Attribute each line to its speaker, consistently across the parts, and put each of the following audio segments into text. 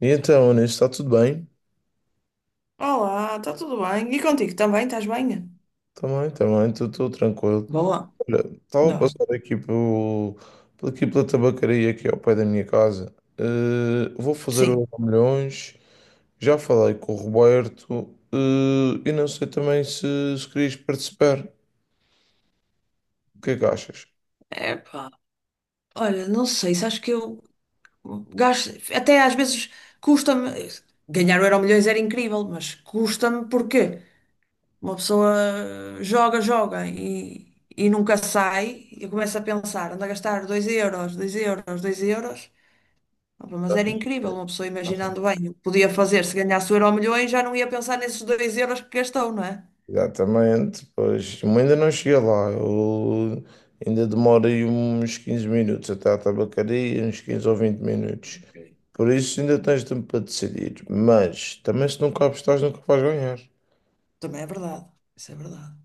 Speaker 1: E então, Anis, está tudo bem?
Speaker 2: Olá, está tudo bem? E contigo também? Estás bem?
Speaker 1: Também, também, estou tranquilo.
Speaker 2: Boa,
Speaker 1: Olha, estava
Speaker 2: ainda
Speaker 1: a
Speaker 2: bem.
Speaker 1: passar aqui por aqui pela tabacaria aqui ao pé da minha casa. Vou fazer
Speaker 2: Sim.
Speaker 1: o milhões, já falei com o Roberto, e não sei também se querias participar. O que é que achas?
Speaker 2: Epá, olha, não sei, sabes que eu gasto, até às vezes custa-me, ganhar o Euromilhões era incrível, mas custa-me porque uma pessoa joga, joga e nunca sai, e eu começo a pensar, ando a gastar 2 euros, 2 euros, 2 euros. Opa, mas era incrível, uma pessoa imaginando bem, o que podia fazer se ganhasse o Euromilhões, já não ia pensar nesses 2 euros que gastou, não é?
Speaker 1: Exatamente, pois eu ainda não cheguei lá, eu ainda demora aí uns 15 minutos até à tabacaria, uns 15 ou 20 minutos. Por isso ainda tens tempo para decidir, mas também se nunca apostares nunca vais ganhar.
Speaker 2: Também é verdade. Isso é verdade.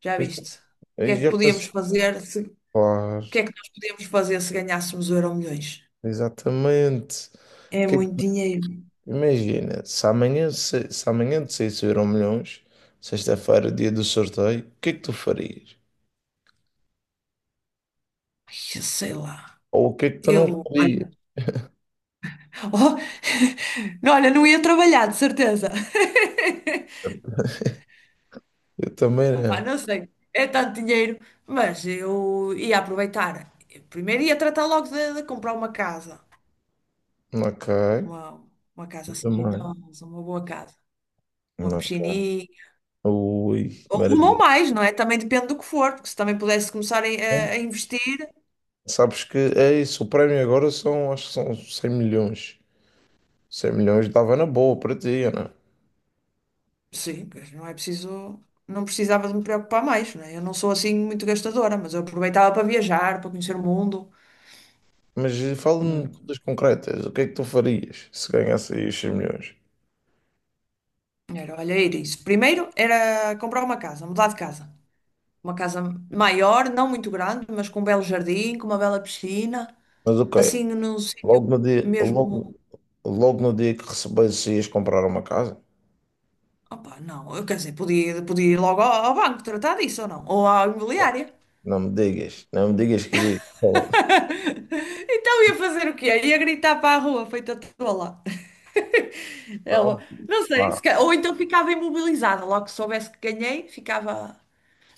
Speaker 2: Já
Speaker 1: Isso
Speaker 2: viste? O que
Speaker 1: aí
Speaker 2: é que
Speaker 1: já passou,
Speaker 2: podíamos fazer se, o
Speaker 1: claro,
Speaker 2: que é que nós podíamos fazer se ganhássemos o Euro milhões.
Speaker 1: exatamente.
Speaker 2: É
Speaker 1: Que-
Speaker 2: muito dinheiro.
Speaker 1: Imagina, se amanhã, se amanhã te saísse o Euromilhões, sexta-feira, dia do sorteio, o que é que tu farias?
Speaker 2: Ai, eu sei lá.
Speaker 1: Ou o que é que tu não
Speaker 2: Eu,
Speaker 1: farias?
Speaker 2: olha, oh, não, olha, não ia trabalhar, de certeza.
Speaker 1: Eu também não.
Speaker 2: Opa, não sei, é tanto dinheiro, mas eu ia aproveitar. Eu primeiro ia tratar logo de comprar uma casa,
Speaker 1: Ok,
Speaker 2: uma, uma casa
Speaker 1: eu
Speaker 2: assim
Speaker 1: também.
Speaker 2: jeitosa, uma boa casa, uma
Speaker 1: Ok.
Speaker 2: piscininha,
Speaker 1: Ui,
Speaker 2: rumam
Speaker 1: maravilha.
Speaker 2: mais, não é? Também depende do que for, porque se também pudesse começar a,
Speaker 1: Bom,
Speaker 2: a- a investir,
Speaker 1: sabes que é isso, o prémio agora são, acho que são 100 milhões. 100 milhões dava na boa para ti, Ana.
Speaker 2: sim, pois não é preciso, não precisava de me preocupar mais, não é? Eu não sou assim muito gastadora, mas eu aproveitava para viajar, para conhecer o mundo.
Speaker 1: Mas fala-me de
Speaker 2: Hum,
Speaker 1: coisas concretas, o que é que tu farias se ganhasse aí os 100 milhões?
Speaker 2: Era, olha, era isso. Primeiro era comprar uma casa, mudar de casa. Uma casa maior, não muito grande, mas com um belo jardim, com uma bela piscina,
Speaker 1: Mas ok,
Speaker 2: assim num sítio
Speaker 1: logo no dia,
Speaker 2: mesmo.
Speaker 1: logo, logo no dia que recebesse ias comprar uma casa?
Speaker 2: Opa, não, eu quer dizer, podia, podia ir logo ao banco tratar disso ou não, ou à imobiliária.
Speaker 1: Não me digas, não me digas que irias.
Speaker 2: Então ia fazer o quê? Ia gritar para a rua, feita toda lá. Ela, não sei, se
Speaker 1: Não,
Speaker 2: ca- ou então ficava imobilizada, logo que soubesse que ganhei, ficava,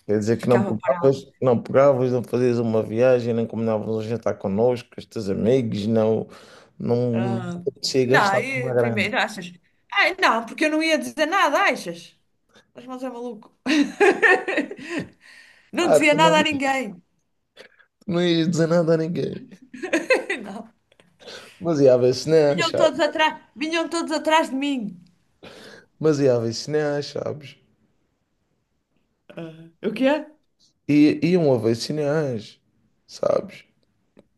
Speaker 1: quer dizer que não
Speaker 2: ficava parada.
Speaker 1: pegavas, não pegavas, não fazias uma viagem, nem combinavas um jantar connosco, com os teus amigos, não, não
Speaker 2: Ah,
Speaker 1: te
Speaker 2: pá,
Speaker 1: apetecia
Speaker 2: não,
Speaker 1: gastar uma
Speaker 2: e
Speaker 1: grana.
Speaker 2: primeiro, achas? Ai, não, porque eu não ia dizer nada, achas? Mas é maluco. Não
Speaker 1: Ah,
Speaker 2: dizia nada a
Speaker 1: tu
Speaker 2: ninguém.
Speaker 1: não ias dizer nada a ninguém.
Speaker 2: Não.
Speaker 1: Mas ia haver sinais, sabes?
Speaker 2: Vinham todos atrás de mim.
Speaker 1: Mas ia haver sinais, sabes?
Speaker 2: Ah, o quê?
Speaker 1: E iam haver sinais, sabes?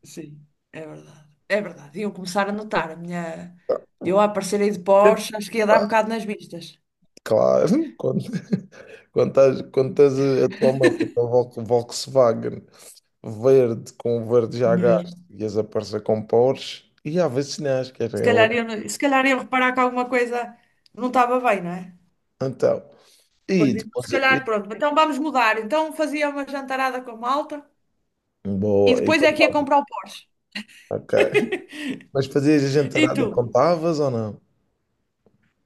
Speaker 2: Sim, é verdade. É verdade. Iam começar a notar a minha. Eu a aparecer aí de Porsche, acho que ia dar
Speaker 1: Epá,
Speaker 2: um bocado nas vistas.
Speaker 1: claro, quando estás a tua meta com a Volkswagen verde, com o verde já gasto,
Speaker 2: Mesmo.
Speaker 1: e as aparecer com Porsche, e há vacinais, que era.
Speaker 2: Se calhar iam, se calhar iam reparar que alguma coisa não estava bem, não é?
Speaker 1: Então, e
Speaker 2: Pois é. Se
Speaker 1: depois. E,
Speaker 2: calhar, pronto. Então vamos mudar. Então fazia uma jantarada com a malta e
Speaker 1: boa, e
Speaker 2: depois é que ia
Speaker 1: contava.
Speaker 2: comprar o Porsche.
Speaker 1: Ok. Mas fazias a
Speaker 2: E
Speaker 1: gentarada e
Speaker 2: tu?
Speaker 1: contavas ou não?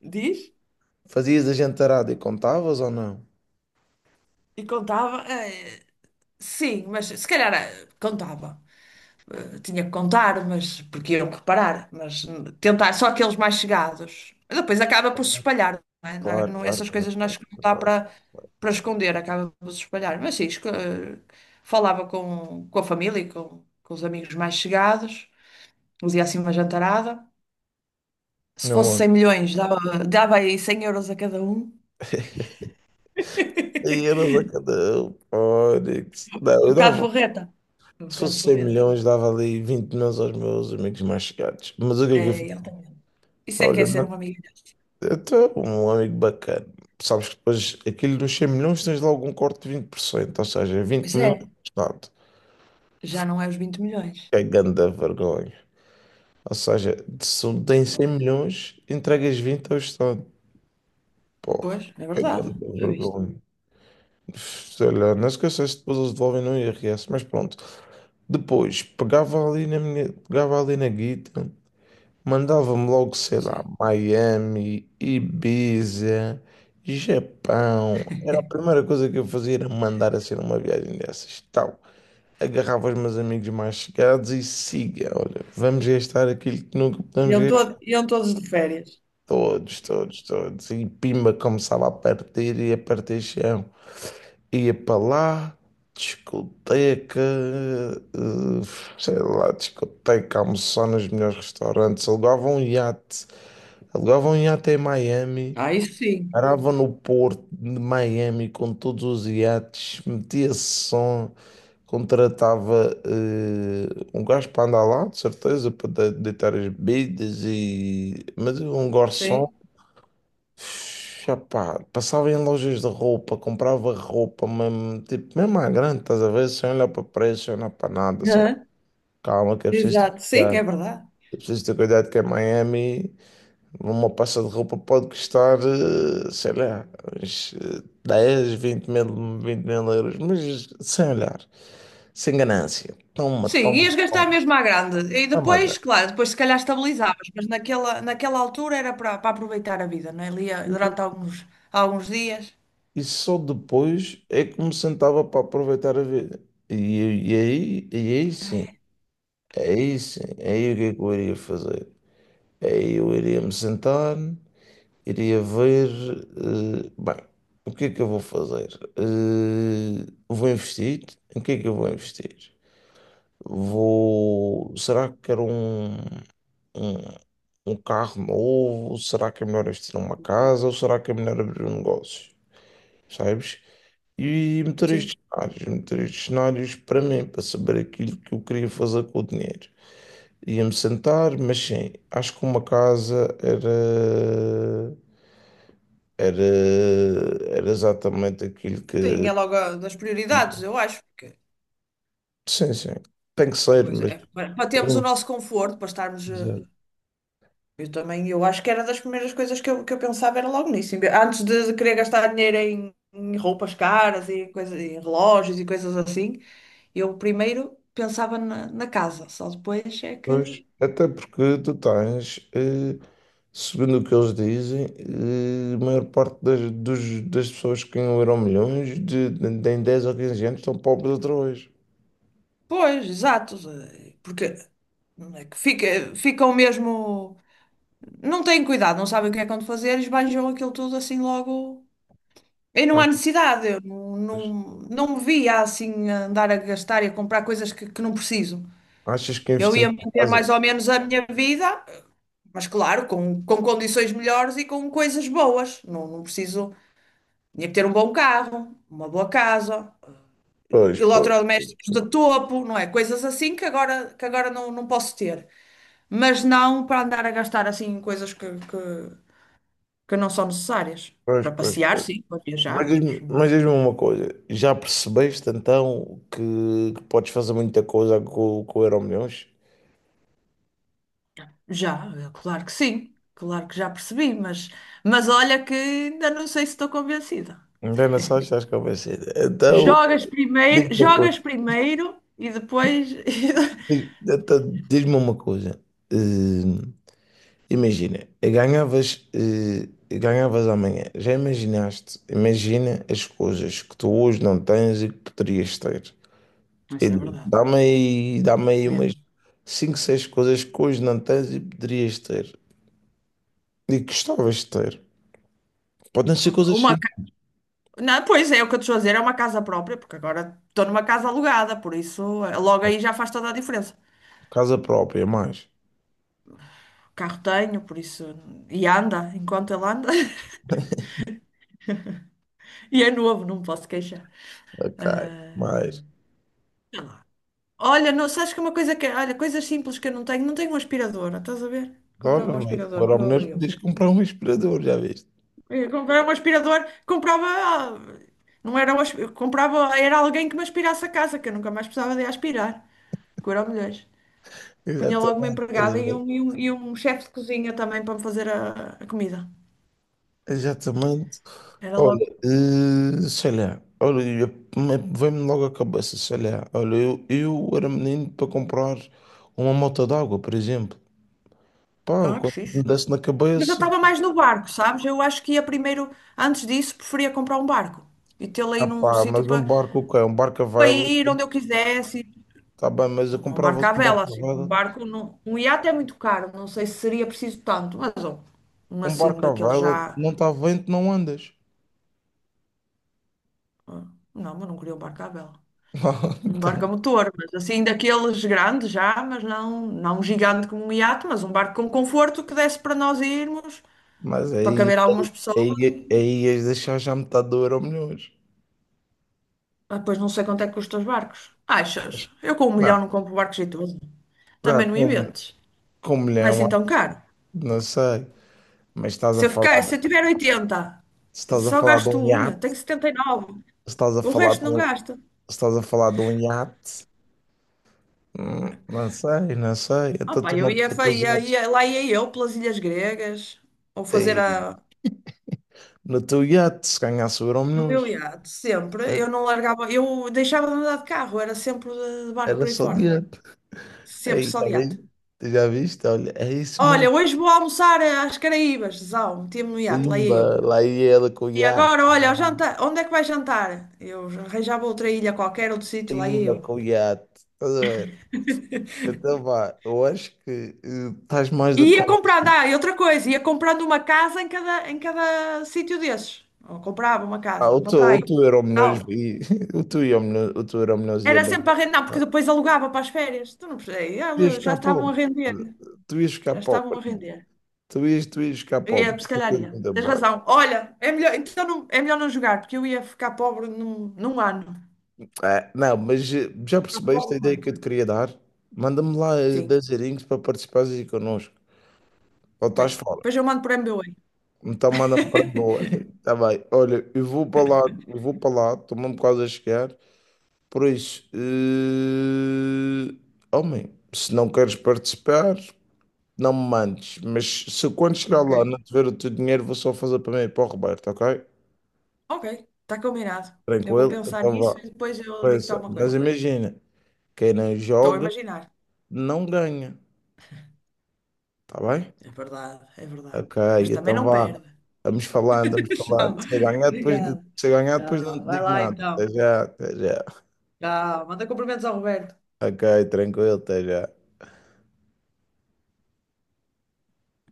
Speaker 2: Diz?
Speaker 1: Fazias a gentarada e contavas ou não?
Speaker 2: E contava? Sim, mas se calhar contava. Eu tinha que contar, mas porque iam reparar, mas tentar só aqueles mais chegados. E depois acaba por se espalhar, não é?
Speaker 1: Claro, claro,
Speaker 2: Essas
Speaker 1: claro,
Speaker 2: coisas
Speaker 1: claro.
Speaker 2: nós não dá
Speaker 1: Claro,
Speaker 2: para
Speaker 1: claro.
Speaker 2: esconder, acaba por se espalhar. Mas sim, falava com a família e com os amigos mais chegados, fazia assim uma jantarada. Se
Speaker 1: Não,
Speaker 2: fosse 100
Speaker 1: olha.
Speaker 2: milhões, dava, dava aí 100 euros a cada um.
Speaker 1: E euros a cada um. Olha,
Speaker 2: Um
Speaker 1: não, eu
Speaker 2: bocado
Speaker 1: dava.
Speaker 2: forreta. Um
Speaker 1: Se
Speaker 2: bocado
Speaker 1: fosse 100
Speaker 2: forreta.
Speaker 1: milhões, dava ali 20 milhões aos meus amigos mais chegados. Mas o que é que eu
Speaker 2: É,
Speaker 1: fiz?
Speaker 2: ele também. Isso é que é
Speaker 1: Olha,
Speaker 2: ser um
Speaker 1: mano,
Speaker 2: amigo.
Speaker 1: eu tenho um amigo bacana. Sabes que depois aquilo dos 100 milhões tens logo um corte de 20%, ou seja, vinte
Speaker 2: Pois é,
Speaker 1: milhões do Estado.
Speaker 2: já não é os 20 milhões.
Speaker 1: Que é grande vergonha. Ou seja, se um tem 100 milhões, entregas 20 ao Estado. Porra,
Speaker 2: Pois, é
Speaker 1: que
Speaker 2: verdade.
Speaker 1: grande
Speaker 2: Já viste?
Speaker 1: vergonha. Sei lá, não esqueças se depois eles devolvem no IRS, mas pronto. Depois, pegava ali na guita, mandava-me logo, sei lá,
Speaker 2: Sim.
Speaker 1: Miami, Ibiza, Japão. Era a primeira coisa que eu fazia, era mandar assim numa viagem dessas, tal. Agarrava os meus amigos mais chegados e siga, olha, vamos gastar aquilo que nunca podemos.
Speaker 2: Iam, todo, iam todos de férias.
Speaker 1: Todos, todos, todos. E pimba começava a partir e a partir chão. Ia para lá, discoteca, sei lá, discoteca, almoçar nos melhores restaurantes. Alugava um iate em Miami,
Speaker 2: Ah, isso sim.
Speaker 1: parava no porto de Miami com todos os iates, metia som, contratava um gajo para andar lá, de certeza, para deitar as bebidas e. Mas um garçom.
Speaker 2: Sim.
Speaker 1: Chapá, passava em lojas de roupa, comprava roupa, mesmo, tipo, mesmo à grande, estás a ver? Sem olhar para preço, sem olhar para nada, só
Speaker 2: Hã?
Speaker 1: calma que é preciso ter
Speaker 2: Exato, sim, é
Speaker 1: cuidado.
Speaker 2: verdade.
Speaker 1: É preciso ter cuidado que em Miami uma peça de roupa pode custar, sei lá, uns 10, 20 mil, 20 mil euros, mas sem olhar, sem ganância. Toma,
Speaker 2: Sim, ias
Speaker 1: toma,
Speaker 2: gastar
Speaker 1: toma,
Speaker 2: mesmo à grande. E
Speaker 1: mesmo à
Speaker 2: depois,
Speaker 1: grande.
Speaker 2: claro, depois se calhar estabilizavas, mas naquela altura era para aproveitar a vida, não é? Ali durante alguns, alguns dias.
Speaker 1: E só depois é que me sentava para aproveitar a vida. E, e aí sim. É isso. É aí o que é que eu iria fazer? É aí eu iria me sentar, iria ver. Bem, o que é que eu vou fazer? Vou investir? Em que é que eu vou investir? Vou. Será que quero um, um, um carro novo? Será que é melhor investir numa casa? Ou será que é melhor abrir um negócio? Sabes? E
Speaker 2: Sim.
Speaker 1: meter estes cenários para mim, para saber aquilo que eu queria fazer com o dinheiro. Ia-me sentar, mas sim, acho que uma casa era, era, era exatamente aquilo
Speaker 2: Sim,
Speaker 1: que.
Speaker 2: é logo a- das prioridades, eu acho, porque é
Speaker 1: Sim, sim, tem que
Speaker 2: uma
Speaker 1: ser,
Speaker 2: coisa
Speaker 1: mas.
Speaker 2: é para termos o
Speaker 1: um,
Speaker 2: nosso conforto, para estarmos
Speaker 1: exato.
Speaker 2: eu também, eu acho que era das primeiras coisas que eu pensava era logo nisso. Em vez- antes de, querer gastar dinheiro em roupas caras e coisas, em relógios e coisas assim, eu primeiro pensava na casa, só depois é que.
Speaker 1: Pois, até porque tu tens, segundo o que eles dizem, a maior parte das, das pessoas que ganham Euromilhões de em 10 ou 15 anos estão pobres outra vez.
Speaker 2: Pois, exato, porque não é que fica, ficam mesmo. Não têm cuidado, não sabem o que é que vão fazer e esbanjam aquilo tudo assim logo. E não há
Speaker 1: Achas,
Speaker 2: necessidade, eu não, não, não me via assim a andar a gastar e a comprar coisas que não preciso.
Speaker 1: achas que
Speaker 2: Eu
Speaker 1: investir
Speaker 2: ia
Speaker 1: na
Speaker 2: manter
Speaker 1: casa?
Speaker 2: mais ou menos a minha vida, mas claro, com condições melhores e com coisas boas. Não, não preciso. Tinha que ter um bom carro, uma boa casa,
Speaker 1: Pois,
Speaker 2: eletrodomésticos de topo, não é? Coisas assim que agora, não posso ter. Mas não para andar a gastar assim em coisas que não são necessárias.
Speaker 1: pois,
Speaker 2: Para
Speaker 1: pois.
Speaker 2: passear,
Speaker 1: Pois.
Speaker 2: sim, para
Speaker 1: Mas
Speaker 2: viajar,
Speaker 1: diz-me
Speaker 2: mas
Speaker 1: mas diz-me uma coisa, já percebeste então que podes fazer muita coisa com o Euromilhões?
Speaker 2: já, é claro que sim. Claro que já percebi, mas olha que ainda não sei se estou convencida.
Speaker 1: Ainda só, estás com a vencer. Então, diz-me uma coisa,
Speaker 2: Jogas primeiro e depois.
Speaker 1: então, diz-me uma coisa. Hum, imagina, ganhavas, ganhavas amanhã, já imaginaste, imagina as coisas que tu hoje não tens e que poderias ter. E
Speaker 2: Isso é
Speaker 1: diz,
Speaker 2: verdade,
Speaker 1: Dá-me aí umas
Speaker 2: mesmo.
Speaker 1: 5 6 coisas que hoje não tens e poderias ter. E que gostavas de ter. Podem ser
Speaker 2: Opa,
Speaker 1: coisas
Speaker 2: Uma,
Speaker 1: assim.
Speaker 2: ca- não, pois é, o que eu te estou a dizer é uma casa própria, porque agora estou numa casa alugada, por isso logo aí já faz toda a diferença.
Speaker 1: Casa própria, mais.
Speaker 2: O carro tenho, por isso. E anda, enquanto ele anda. E é novo, não me posso queixar.
Speaker 1: Ok,
Speaker 2: Ah,
Speaker 1: mais.
Speaker 2: sei lá. Olha, não, sabes que uma coisa que. Olha, coisas simples que eu não tenho, não tenho um aspirador, estás a ver? Comprar
Speaker 1: Olha,
Speaker 2: um
Speaker 1: vai.
Speaker 2: aspirador
Speaker 1: Agora
Speaker 2: que o
Speaker 1: ao
Speaker 2: meu
Speaker 1: menos
Speaker 2: abriu.
Speaker 1: podias comprar um aspirador, já viste?
Speaker 2: Eu comprava um aspirador, comprava. Não era um eu comprava, era alguém que me aspirasse a casa, que eu nunca mais precisava de aspirar. Que eu mulheres. Punha logo uma
Speaker 1: Exatamente, estás a
Speaker 2: empregada
Speaker 1: ver?
Speaker 2: e um chefe de cozinha também para me fazer a comida.
Speaker 1: Exatamente.
Speaker 2: Era logo.
Speaker 1: Olha, sei lá. Olha, vem-me logo à cabeça, sei lá. Olha, eu era menino para comprar uma moto d'água, por exemplo. Pá,
Speaker 2: Ah, que
Speaker 1: quando me
Speaker 2: fixe.
Speaker 1: desse na
Speaker 2: Mas eu
Speaker 1: cabeça,
Speaker 2: estava mais no barco, sabes? Eu acho que ia primeiro, antes disso, preferia comprar um barco e tê-lo aí
Speaker 1: ah
Speaker 2: num
Speaker 1: pá,
Speaker 2: sítio
Speaker 1: mas um barco o quê? Um barco a
Speaker 2: para
Speaker 1: vela,
Speaker 2: ir onde eu quisesse.
Speaker 1: tá bem, mas eu
Speaker 2: Um barco
Speaker 1: comprava-se
Speaker 2: à
Speaker 1: um
Speaker 2: vela,
Speaker 1: barco a
Speaker 2: assim. Um
Speaker 1: vela.
Speaker 2: barco, não, um iate é muito caro, não sei se seria preciso tanto, mas um
Speaker 1: Um
Speaker 2: assim,
Speaker 1: barco à
Speaker 2: daquele
Speaker 1: vela,
Speaker 2: já.
Speaker 1: não está vento, não andas.
Speaker 2: ah, Não, mas não queria um barco à vela. Um
Speaker 1: Então,
Speaker 2: barco a motor, mas assim, daqueles grandes já, não um gigante como um iate, mas um barco com conforto que desse para nós irmos,
Speaker 1: mas
Speaker 2: para
Speaker 1: aí,
Speaker 2: caber algumas pessoas.
Speaker 1: aí,
Speaker 2: E...
Speaker 1: aí ias deixar já metade do euro milhões.
Speaker 2: Ah, pois não sei quanto é que custam os barcos. Achas? Eu com um milhão
Speaker 1: Não,
Speaker 2: não compro barcos e tudo.
Speaker 1: não,
Speaker 2: Também não
Speaker 1: com,
Speaker 2: inventes.
Speaker 1: com um
Speaker 2: Não é
Speaker 1: milhão,
Speaker 2: assim
Speaker 1: acho que
Speaker 2: tão caro.
Speaker 1: não sei. Mas
Speaker 2: Se eu tiver 80,
Speaker 1: se estás a
Speaker 2: só
Speaker 1: falar de
Speaker 2: gasto
Speaker 1: um
Speaker 2: um,
Speaker 1: iate,
Speaker 2: tenho
Speaker 1: se
Speaker 2: 79.
Speaker 1: estás a
Speaker 2: O
Speaker 1: falar
Speaker 2: resto
Speaker 1: de
Speaker 2: não
Speaker 1: um, se
Speaker 2: gasta.
Speaker 1: estás a falar de um iate, não sei, não sei.
Speaker 2: Ah,
Speaker 1: Então tu
Speaker 2: pá,
Speaker 1: não
Speaker 2: eu
Speaker 1: vês
Speaker 2: ia,
Speaker 1: aqueles iates.
Speaker 2: lá ia eu pelas Ilhas Gregas, ou fazer
Speaker 1: Tem-
Speaker 2: a,
Speaker 1: No teu iate, se ganhasse o euro
Speaker 2: no
Speaker 1: milhões,
Speaker 2: meu iate, sempre. Eu não largava, eu deixava de andar de carro, era sempre de barco
Speaker 1: era
Speaker 2: por aí
Speaker 1: só de
Speaker 2: fora.
Speaker 1: iate.
Speaker 2: Sempre
Speaker 1: Aí,
Speaker 2: só
Speaker 1: já
Speaker 2: de iate.
Speaker 1: viste? Já viste? Olha, é isso mesmo.
Speaker 2: Olha, hoje vou almoçar às Caraíbas, Zau, metia-me no iate, lá ia eu.
Speaker 1: Pimba, lá ia ela com o
Speaker 2: E agora,
Speaker 1: iate.
Speaker 2: olha, ao jantar, onde é que vais jantar? Eu arranjava outra ilha qualquer, outro sítio, lá ia eu.
Speaker 1: Pimba com o iate. Estás a ver? Então vá, eu acho que estás mais
Speaker 2: E
Speaker 1: do que
Speaker 2: ia comprando,
Speaker 1: convencido.
Speaker 2: ah, e outra coisa, ia comprando uma casa em cada sítio desses. Ou comprava uma
Speaker 1: Ah,
Speaker 2: casa,
Speaker 1: o
Speaker 2: uma
Speaker 1: teu, o
Speaker 2: praia,
Speaker 1: teu Euromilhões
Speaker 2: tal.
Speaker 1: e o teu Euromilhões ia
Speaker 2: Era
Speaker 1: bem.
Speaker 2: sempre a render, não, porque
Speaker 1: Ah,
Speaker 2: depois alugava para as férias. Tu não percebes?
Speaker 1: tu ias
Speaker 2: Ela- já
Speaker 1: ficar
Speaker 2: estavam a
Speaker 1: pobre.
Speaker 2: render.
Speaker 1: Tu ias ficar
Speaker 2: Já estavam
Speaker 1: pobre.
Speaker 2: a render.
Speaker 1: Tu ias ficar
Speaker 2: Eu
Speaker 1: pobre.
Speaker 2: ia, se calhar
Speaker 1: Fica de
Speaker 2: ia.
Speaker 1: mundo
Speaker 2: Tens
Speaker 1: embora.
Speaker 2: razão. Olha, é melhor, então não, é melhor não jogar, porque eu ia ficar pobre num ano.
Speaker 1: Ah, não, mas já
Speaker 2: Ficar
Speaker 1: percebeste
Speaker 2: pobre
Speaker 1: a
Speaker 2: num
Speaker 1: ideia que eu
Speaker 2: ano.
Speaker 1: te queria dar? Manda-me lá
Speaker 2: Sim,
Speaker 1: 10 erinhos para participares aí connosco. Ou
Speaker 2: ok.
Speaker 1: estás fora.
Speaker 2: Depois eu mando por MBWay.
Speaker 1: Então manda-me para boa. Está bem. Olha, eu vou para lá, estou mesmo quase a chegar. Por isso, homem, se não queres participar, não me mandes. Mas se eu, quando chegar
Speaker 2: Ok.
Speaker 1: lá não te o teu dinheiro, vou só fazer para mim e para o Roberto, ok?
Speaker 2: Ok, está combinado. Eu vou
Speaker 1: Tranquilo?
Speaker 2: pensar
Speaker 1: Então
Speaker 2: nisso
Speaker 1: vá.
Speaker 2: e depois eu digo-te
Speaker 1: Pensa.
Speaker 2: alguma
Speaker 1: Mas
Speaker 2: coisa.
Speaker 1: imagina, quem não
Speaker 2: Estou a
Speaker 1: joga
Speaker 2: imaginar.
Speaker 1: não ganha, tá bem?
Speaker 2: É verdade, é verdade.
Speaker 1: Ok,
Speaker 2: Mas também
Speaker 1: então
Speaker 2: não
Speaker 1: vá.
Speaker 2: perde.
Speaker 1: Vamos falando, vamos
Speaker 2: Tchau.
Speaker 1: falando. Se eu ganhar depois,
Speaker 2: Obrigada.
Speaker 1: se eu ganhar depois não te
Speaker 2: Tchau. Vai
Speaker 1: digo
Speaker 2: lá
Speaker 1: nada. Até
Speaker 2: então.
Speaker 1: já, até já.
Speaker 2: Ah, manda cumprimentos ao Roberto.
Speaker 1: Ok, tranquilo, até já.